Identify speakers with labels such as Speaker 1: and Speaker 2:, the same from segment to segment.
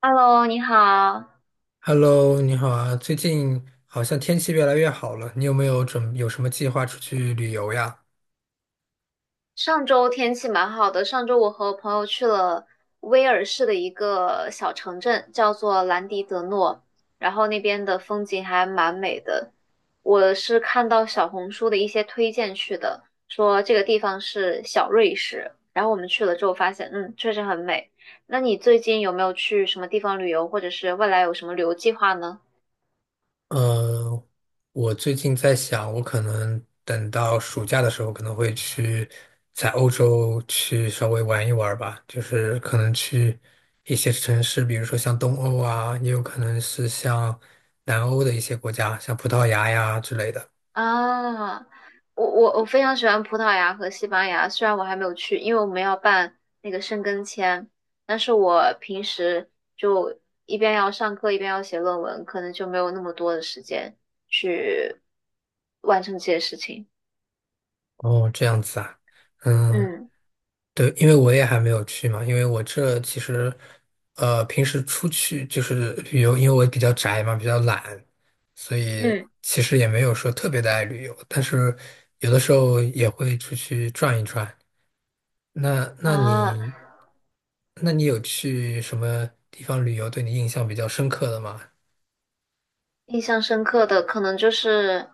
Speaker 1: Hello，你好。
Speaker 2: Hello，你好啊！最近好像天气越来越好了，你有没有准有什么计划出去旅游呀？
Speaker 1: 上周天气蛮好的，上周我和朋友去了威尔士的一个小城镇，叫做兰迪德诺，然后那边的风景还蛮美的。我是看到小红书的一些推荐去的，说这个地方是小瑞士，然后我们去了之后发现，确实很美。那你最近有没有去什么地方旅游，或者是未来有什么旅游计划呢？
Speaker 2: 嗯，我最近在想，我可能等到暑假的时候，可能会去在欧洲去稍微玩一玩吧，就是可能去一些城市，比如说像东欧啊，也有可能是像南欧的一些国家，像葡萄牙呀之类的。
Speaker 1: 啊，我非常喜欢葡萄牙和西班牙，虽然我还没有去，因为我们要办那个申根签，但是我平时就一边要上课一边要写论文，可能就没有那么多的时间去完成这些事情。
Speaker 2: 哦，这样子啊，嗯。
Speaker 1: 嗯
Speaker 2: 对，因为我也还没有去嘛，因为我这其实，平时出去就是旅游，因为我比较宅嘛，比较懒，所以
Speaker 1: 嗯
Speaker 2: 其实也没有说特别的爱旅游，但是有的时候也会出去转一转。那那
Speaker 1: 啊，
Speaker 2: 你，那你有去什么地方旅游对你印象比较深刻的吗？
Speaker 1: 印象深刻的可能就是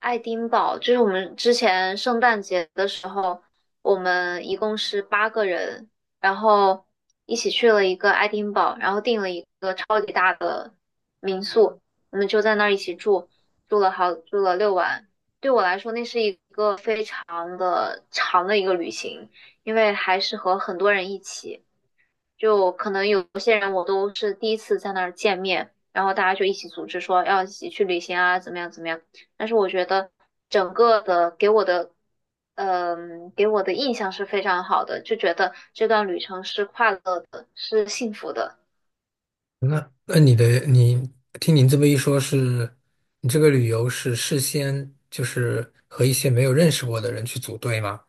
Speaker 1: 爱丁堡就是我们之前圣诞节的时候，我们一共是8个人，然后一起去了一个爱丁堡，然后订了一个超级大的民宿，我们就在那儿一起住，住了好，住了6晚。对我来说，那是一个非常的长的一个旅行，因为还是和很多人一起。就可能有些人我都是第一次在那儿见面，然后大家就一起组织说要一起去旅行啊，怎么样怎么样。但是我觉得整个的给我的，给我的印象是非常好的，就觉得这段旅程是快乐的，是幸福的。
Speaker 2: 那那你的你听您这么一说是，你这个旅游是事先就是和一些没有认识过的人去组队吗？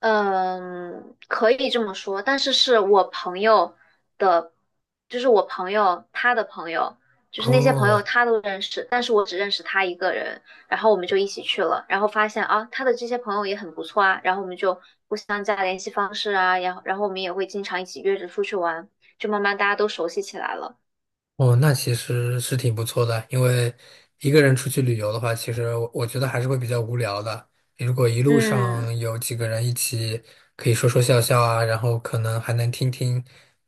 Speaker 1: 嗯，可以这么说，但是是我朋友的，就是我朋友他的朋友，就是那些朋友
Speaker 2: 哦，
Speaker 1: 他都认识，但是我只认识他一个人，然后我们就一起去了，然后发现啊，他的这些朋友也很不错啊，然后我们就互相加联系方式啊，然后我们也会经常一起约着出去玩，就慢慢大家都熟悉起来了。
Speaker 2: 哦,那其实是挺不错的，因为一个人出去旅游的话，其实我觉得还是会比较无聊的。如果一路
Speaker 1: 嗯，
Speaker 2: 上有几个人一起，可以说说笑笑啊，然后可能还能听听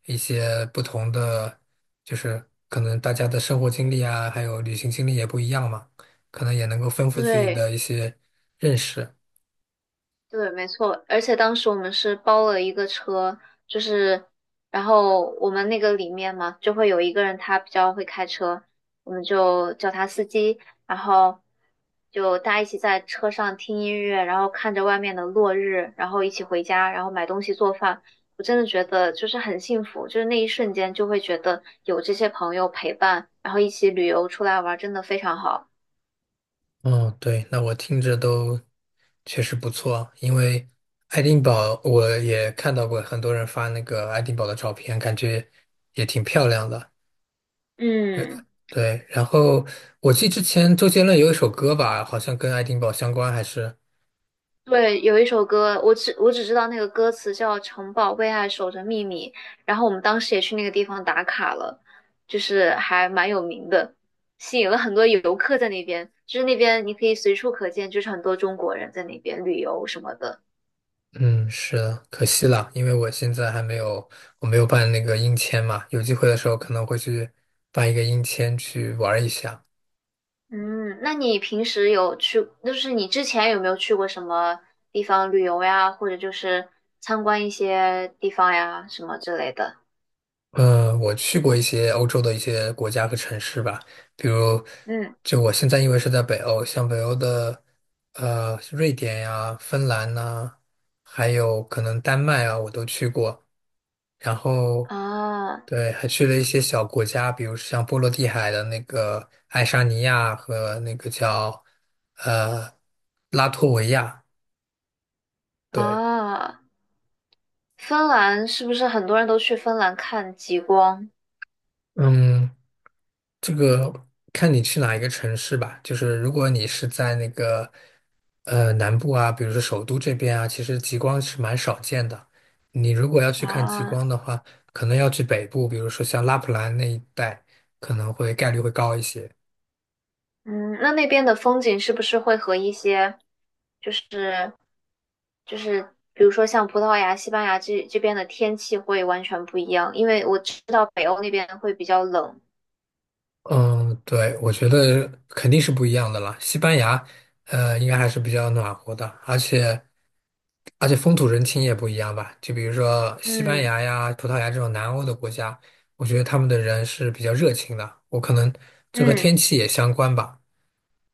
Speaker 2: 一些不同的，就是可能大家的生活经历啊，还有旅行经历也不一样嘛，可能也能够丰富自己
Speaker 1: 对。
Speaker 2: 的一些认识。
Speaker 1: 对，没错，而且当时我们是包了一个车，就是，然后我们那个里面嘛，就会有一个人他比较会开车，我们就叫他司机，然后就大家一起在车上听音乐，然后看着外面的落日，然后一起回家，然后买东西做饭。我真的觉得就是很幸福，就是那一瞬间就会觉得有这些朋友陪伴，然后一起旅游出来玩，真的非常好。
Speaker 2: 哦，对，那我听着都确实不错，因为爱丁堡我也看到过很多人发那个爱丁堡的照片，感觉也挺漂亮的。
Speaker 1: 嗯。
Speaker 2: 对，然后我记得之前周杰伦有一首歌吧，好像跟爱丁堡相关，还是
Speaker 1: 对，有一首歌，我只知道那个歌词叫《城堡为爱守着秘密》，然后我们当时也去那个地方打卡了，就是还蛮有名的，吸引了很多游客在那边。就是那边你可以随处可见，就是很多中国人在那边旅游什么的。
Speaker 2: 嗯，是的，可惜了，因为我现在还没有我没有办那个英签嘛，有机会的时候可能会去办一个英签去玩一下。
Speaker 1: 嗯，那你平时有去，就是你之前有没有去过什么地方旅游呀，或者就是参观一些地方呀，什么之类的？
Speaker 2: 嗯，我去过一些欧洲的一些国家和城市吧，比如，
Speaker 1: 嗯，
Speaker 2: 就我现在因为是在北欧，像北欧的瑞典呀、芬兰呐、还有可能丹麦啊，我都去过。然后
Speaker 1: 啊
Speaker 2: 对，还去了一些小国家，比如像波罗的海的那个爱沙尼亚和那个叫呃拉脱维亚。对，
Speaker 1: 啊。芬兰是不是很多人都去芬兰看极光
Speaker 2: 嗯。这个看你去哪一个城市吧，就是如果你是在那个南部啊，比如说首都这边啊，其实极光是蛮少见的。你如果要去看极光
Speaker 1: 啊？
Speaker 2: 的话，可能要去北部，比如说像拉普兰那一带，可能会概率会高一些。
Speaker 1: 嗯，那那边的风景是不是会和一些就是就是比如说像葡萄牙、西班牙这边的天气会完全不一样？因为我知道北欧那边会比较冷。
Speaker 2: 嗯，对，我觉得肯定是不一样的了。西班牙，应该还是比较暖和的，而且。而且风土人情也不一样吧，就比如说西班
Speaker 1: 嗯
Speaker 2: 牙呀、葡萄牙这种南欧的国家，我觉得他们的人是比较热情的。我可能这和
Speaker 1: 嗯
Speaker 2: 天气也相关吧。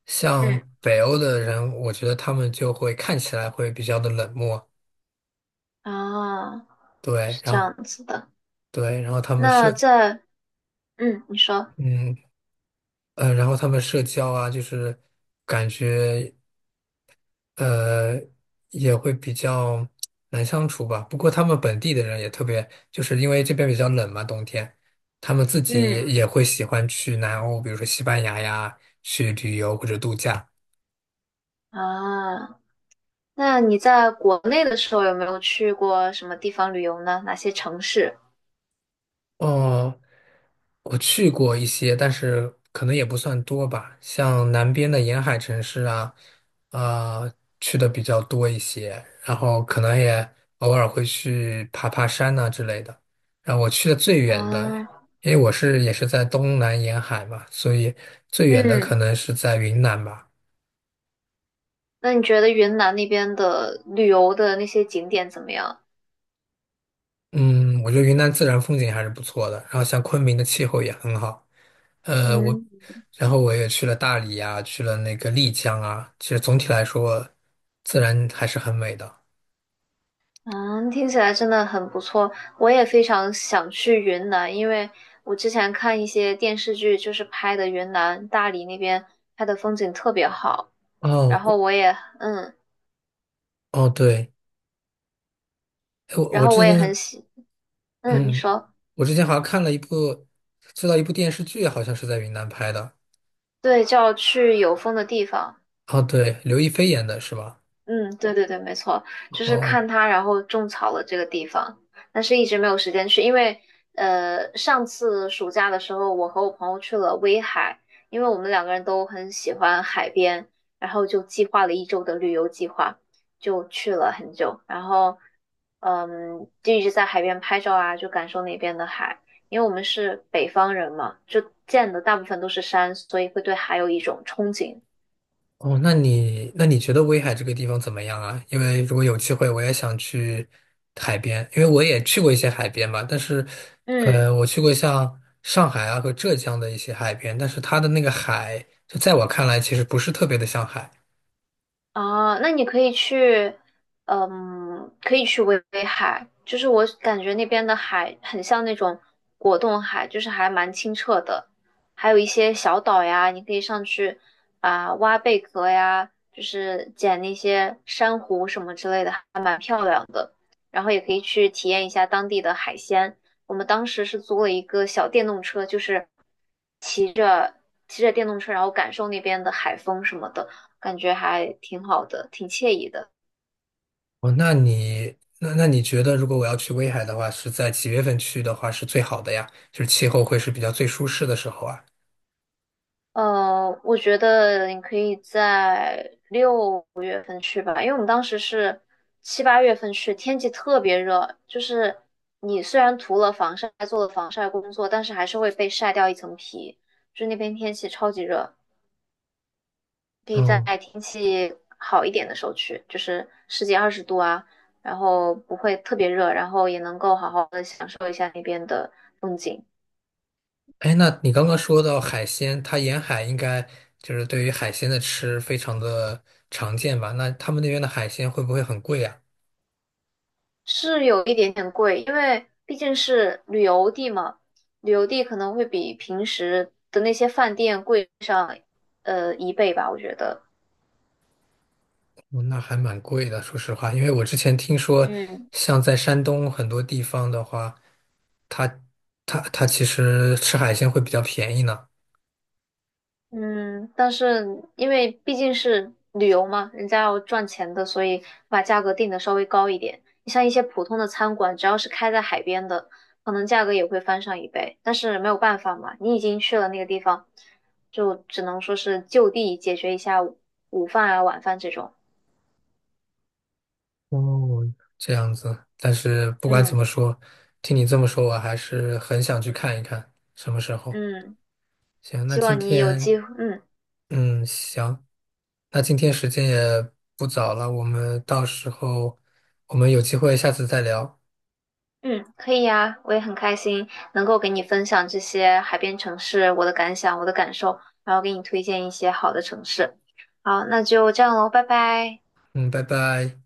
Speaker 2: 像
Speaker 1: 嗯，
Speaker 2: 北欧的人，我觉得他们就会看起来会比较的冷漠，
Speaker 1: 啊，
Speaker 2: 对，
Speaker 1: 是这
Speaker 2: 然后
Speaker 1: 样子的。
Speaker 2: 对，然后他们
Speaker 1: 那
Speaker 2: 社，
Speaker 1: 在嗯，你说
Speaker 2: 嗯然后他们社交啊，就是感觉。呃，也会比较难相处吧。不过他们本地的人也特别，就是因为这边比较冷嘛，冬天，他们自己
Speaker 1: 嗯
Speaker 2: 也会喜欢去南欧，比如说西班牙呀，去旅游或者度假。
Speaker 1: 啊，那你在国内的时候有没有去过什么地方旅游呢？哪些城市？
Speaker 2: 哦，我去过一些，但是可能也不算多吧。像南边的沿海城市啊、啊、去的比较多一些，然后可能也偶尔会去爬爬山呐、之类的。然后我去的最远的，
Speaker 1: 啊？
Speaker 2: 因为我是也是在东南沿海嘛，所以最远的可
Speaker 1: 嗯，
Speaker 2: 能是在云南吧。
Speaker 1: 那你觉得云南那边的旅游的那些景点怎么样？
Speaker 2: 嗯，我觉得云南自然风景还是不错的，然后像昆明的气候也很好。呃，我，
Speaker 1: 嗯
Speaker 2: 然后我也去了大理呀，去了那个丽江啊。其实总体来说，自然还是很美的。
Speaker 1: 嗯，听起来真的很不错，我也非常想去云南，因为我之前看一些电视剧，就是拍的云南大理那边拍的风景特别好，然
Speaker 2: 哦，我
Speaker 1: 后我也
Speaker 2: 哦，对，哎我
Speaker 1: 然
Speaker 2: 我
Speaker 1: 后我
Speaker 2: 之
Speaker 1: 也很
Speaker 2: 前，
Speaker 1: 喜，嗯，你
Speaker 2: 嗯，
Speaker 1: 说，
Speaker 2: 我之前好像看了一部，知道一部电视剧，好像是在云南拍的。
Speaker 1: 对，就要去有风的地方。
Speaker 2: 哦，对，刘亦菲演的是吧？
Speaker 1: 嗯，对对对，没错，就是
Speaker 2: 哦。
Speaker 1: 看它，然后种草了这个地方，但是一直没有时间去，因为上次暑假的时候，我和我朋友去了威海，因为我们两个人都很喜欢海边，然后就计划了一周的旅游计划，就去了很久，然后就一直在海边拍照啊，就感受那边的海，因为我们是北方人嘛，就见的大部分都是山，所以会对海有一种憧憬。
Speaker 2: 哦，那你觉得威海这个地方怎么样啊？因为如果有机会，我也想去海边，因为我也去过一些海边嘛。但是，
Speaker 1: 嗯。
Speaker 2: 我去过像上海啊和浙江的一些海边，但是它的那个海，就在我看来，其实不是特别的像海。
Speaker 1: 啊，那你可以去，嗯，可以去威海，就是我感觉那边的海很像那种果冻海，就是还蛮清澈的，还有一些小岛呀，你可以上去啊，挖贝壳呀，就是捡那些珊瑚什么之类的，还蛮漂亮的。然后也可以去体验一下当地的海鲜。我们当时是租了一个小电动车，就是骑着骑着电动车，然后感受那边的海风什么的。感觉还挺好的，挺惬意的。
Speaker 2: 哦，那你觉得，如果我要去威海的话，是在几月份去的话是最好的呀？就是气候会是比较最舒适的时候啊。
Speaker 1: 我觉得你可以在月份去吧，因为我们当时是7、8月份去，天气特别热，就是你虽然涂了防晒，做了防晒工作，但是还是会被晒掉一层皮。就那边天气超级热，可以在
Speaker 2: 嗯。
Speaker 1: 天气好一点的时候去，就是十几二十度啊，然后不会特别热，然后也能够好好的享受一下那边的风景。
Speaker 2: 哎，那你刚刚说到海鲜，它沿海应该就是对于海鲜的吃非常的常见吧？那他们那边的海鲜会不会很贵啊？哦
Speaker 1: 是有一点点贵，因为毕竟是旅游地嘛，旅游地可能会比平时的那些饭店贵上一倍吧，我觉得。
Speaker 2: 那还蛮贵的，说实话，因为我之前听说，
Speaker 1: 嗯
Speaker 2: 像在山东很多地方的话，它其实吃海鲜会比较便宜呢。
Speaker 1: 嗯，但是因为毕竟是旅游嘛，人家要赚钱的，所以把价格定的稍微高一点。你像一些普通的餐馆，只要是开在海边的，可能价格也会翻上一倍。但是没有办法嘛，你已经去了那个地方，就只能说是就地解决一下午午饭啊、晚饭这种。
Speaker 2: 哦，这样子，但是不管怎
Speaker 1: 嗯
Speaker 2: 么说，听你这么说，我还是很想去看一看，什么时候？
Speaker 1: 嗯，
Speaker 2: 行，那
Speaker 1: 希
Speaker 2: 今
Speaker 1: 望你有
Speaker 2: 天
Speaker 1: 机会，嗯
Speaker 2: 嗯，行，那今天时间也不早了，我们到时候我们有机会下次再聊。
Speaker 1: 嗯，可以呀，我也很开心能够给你分享这些海边城市我的感想、我的感受，然后给你推荐一些好的城市。好，那就这样喽，拜拜。
Speaker 2: 嗯，拜拜。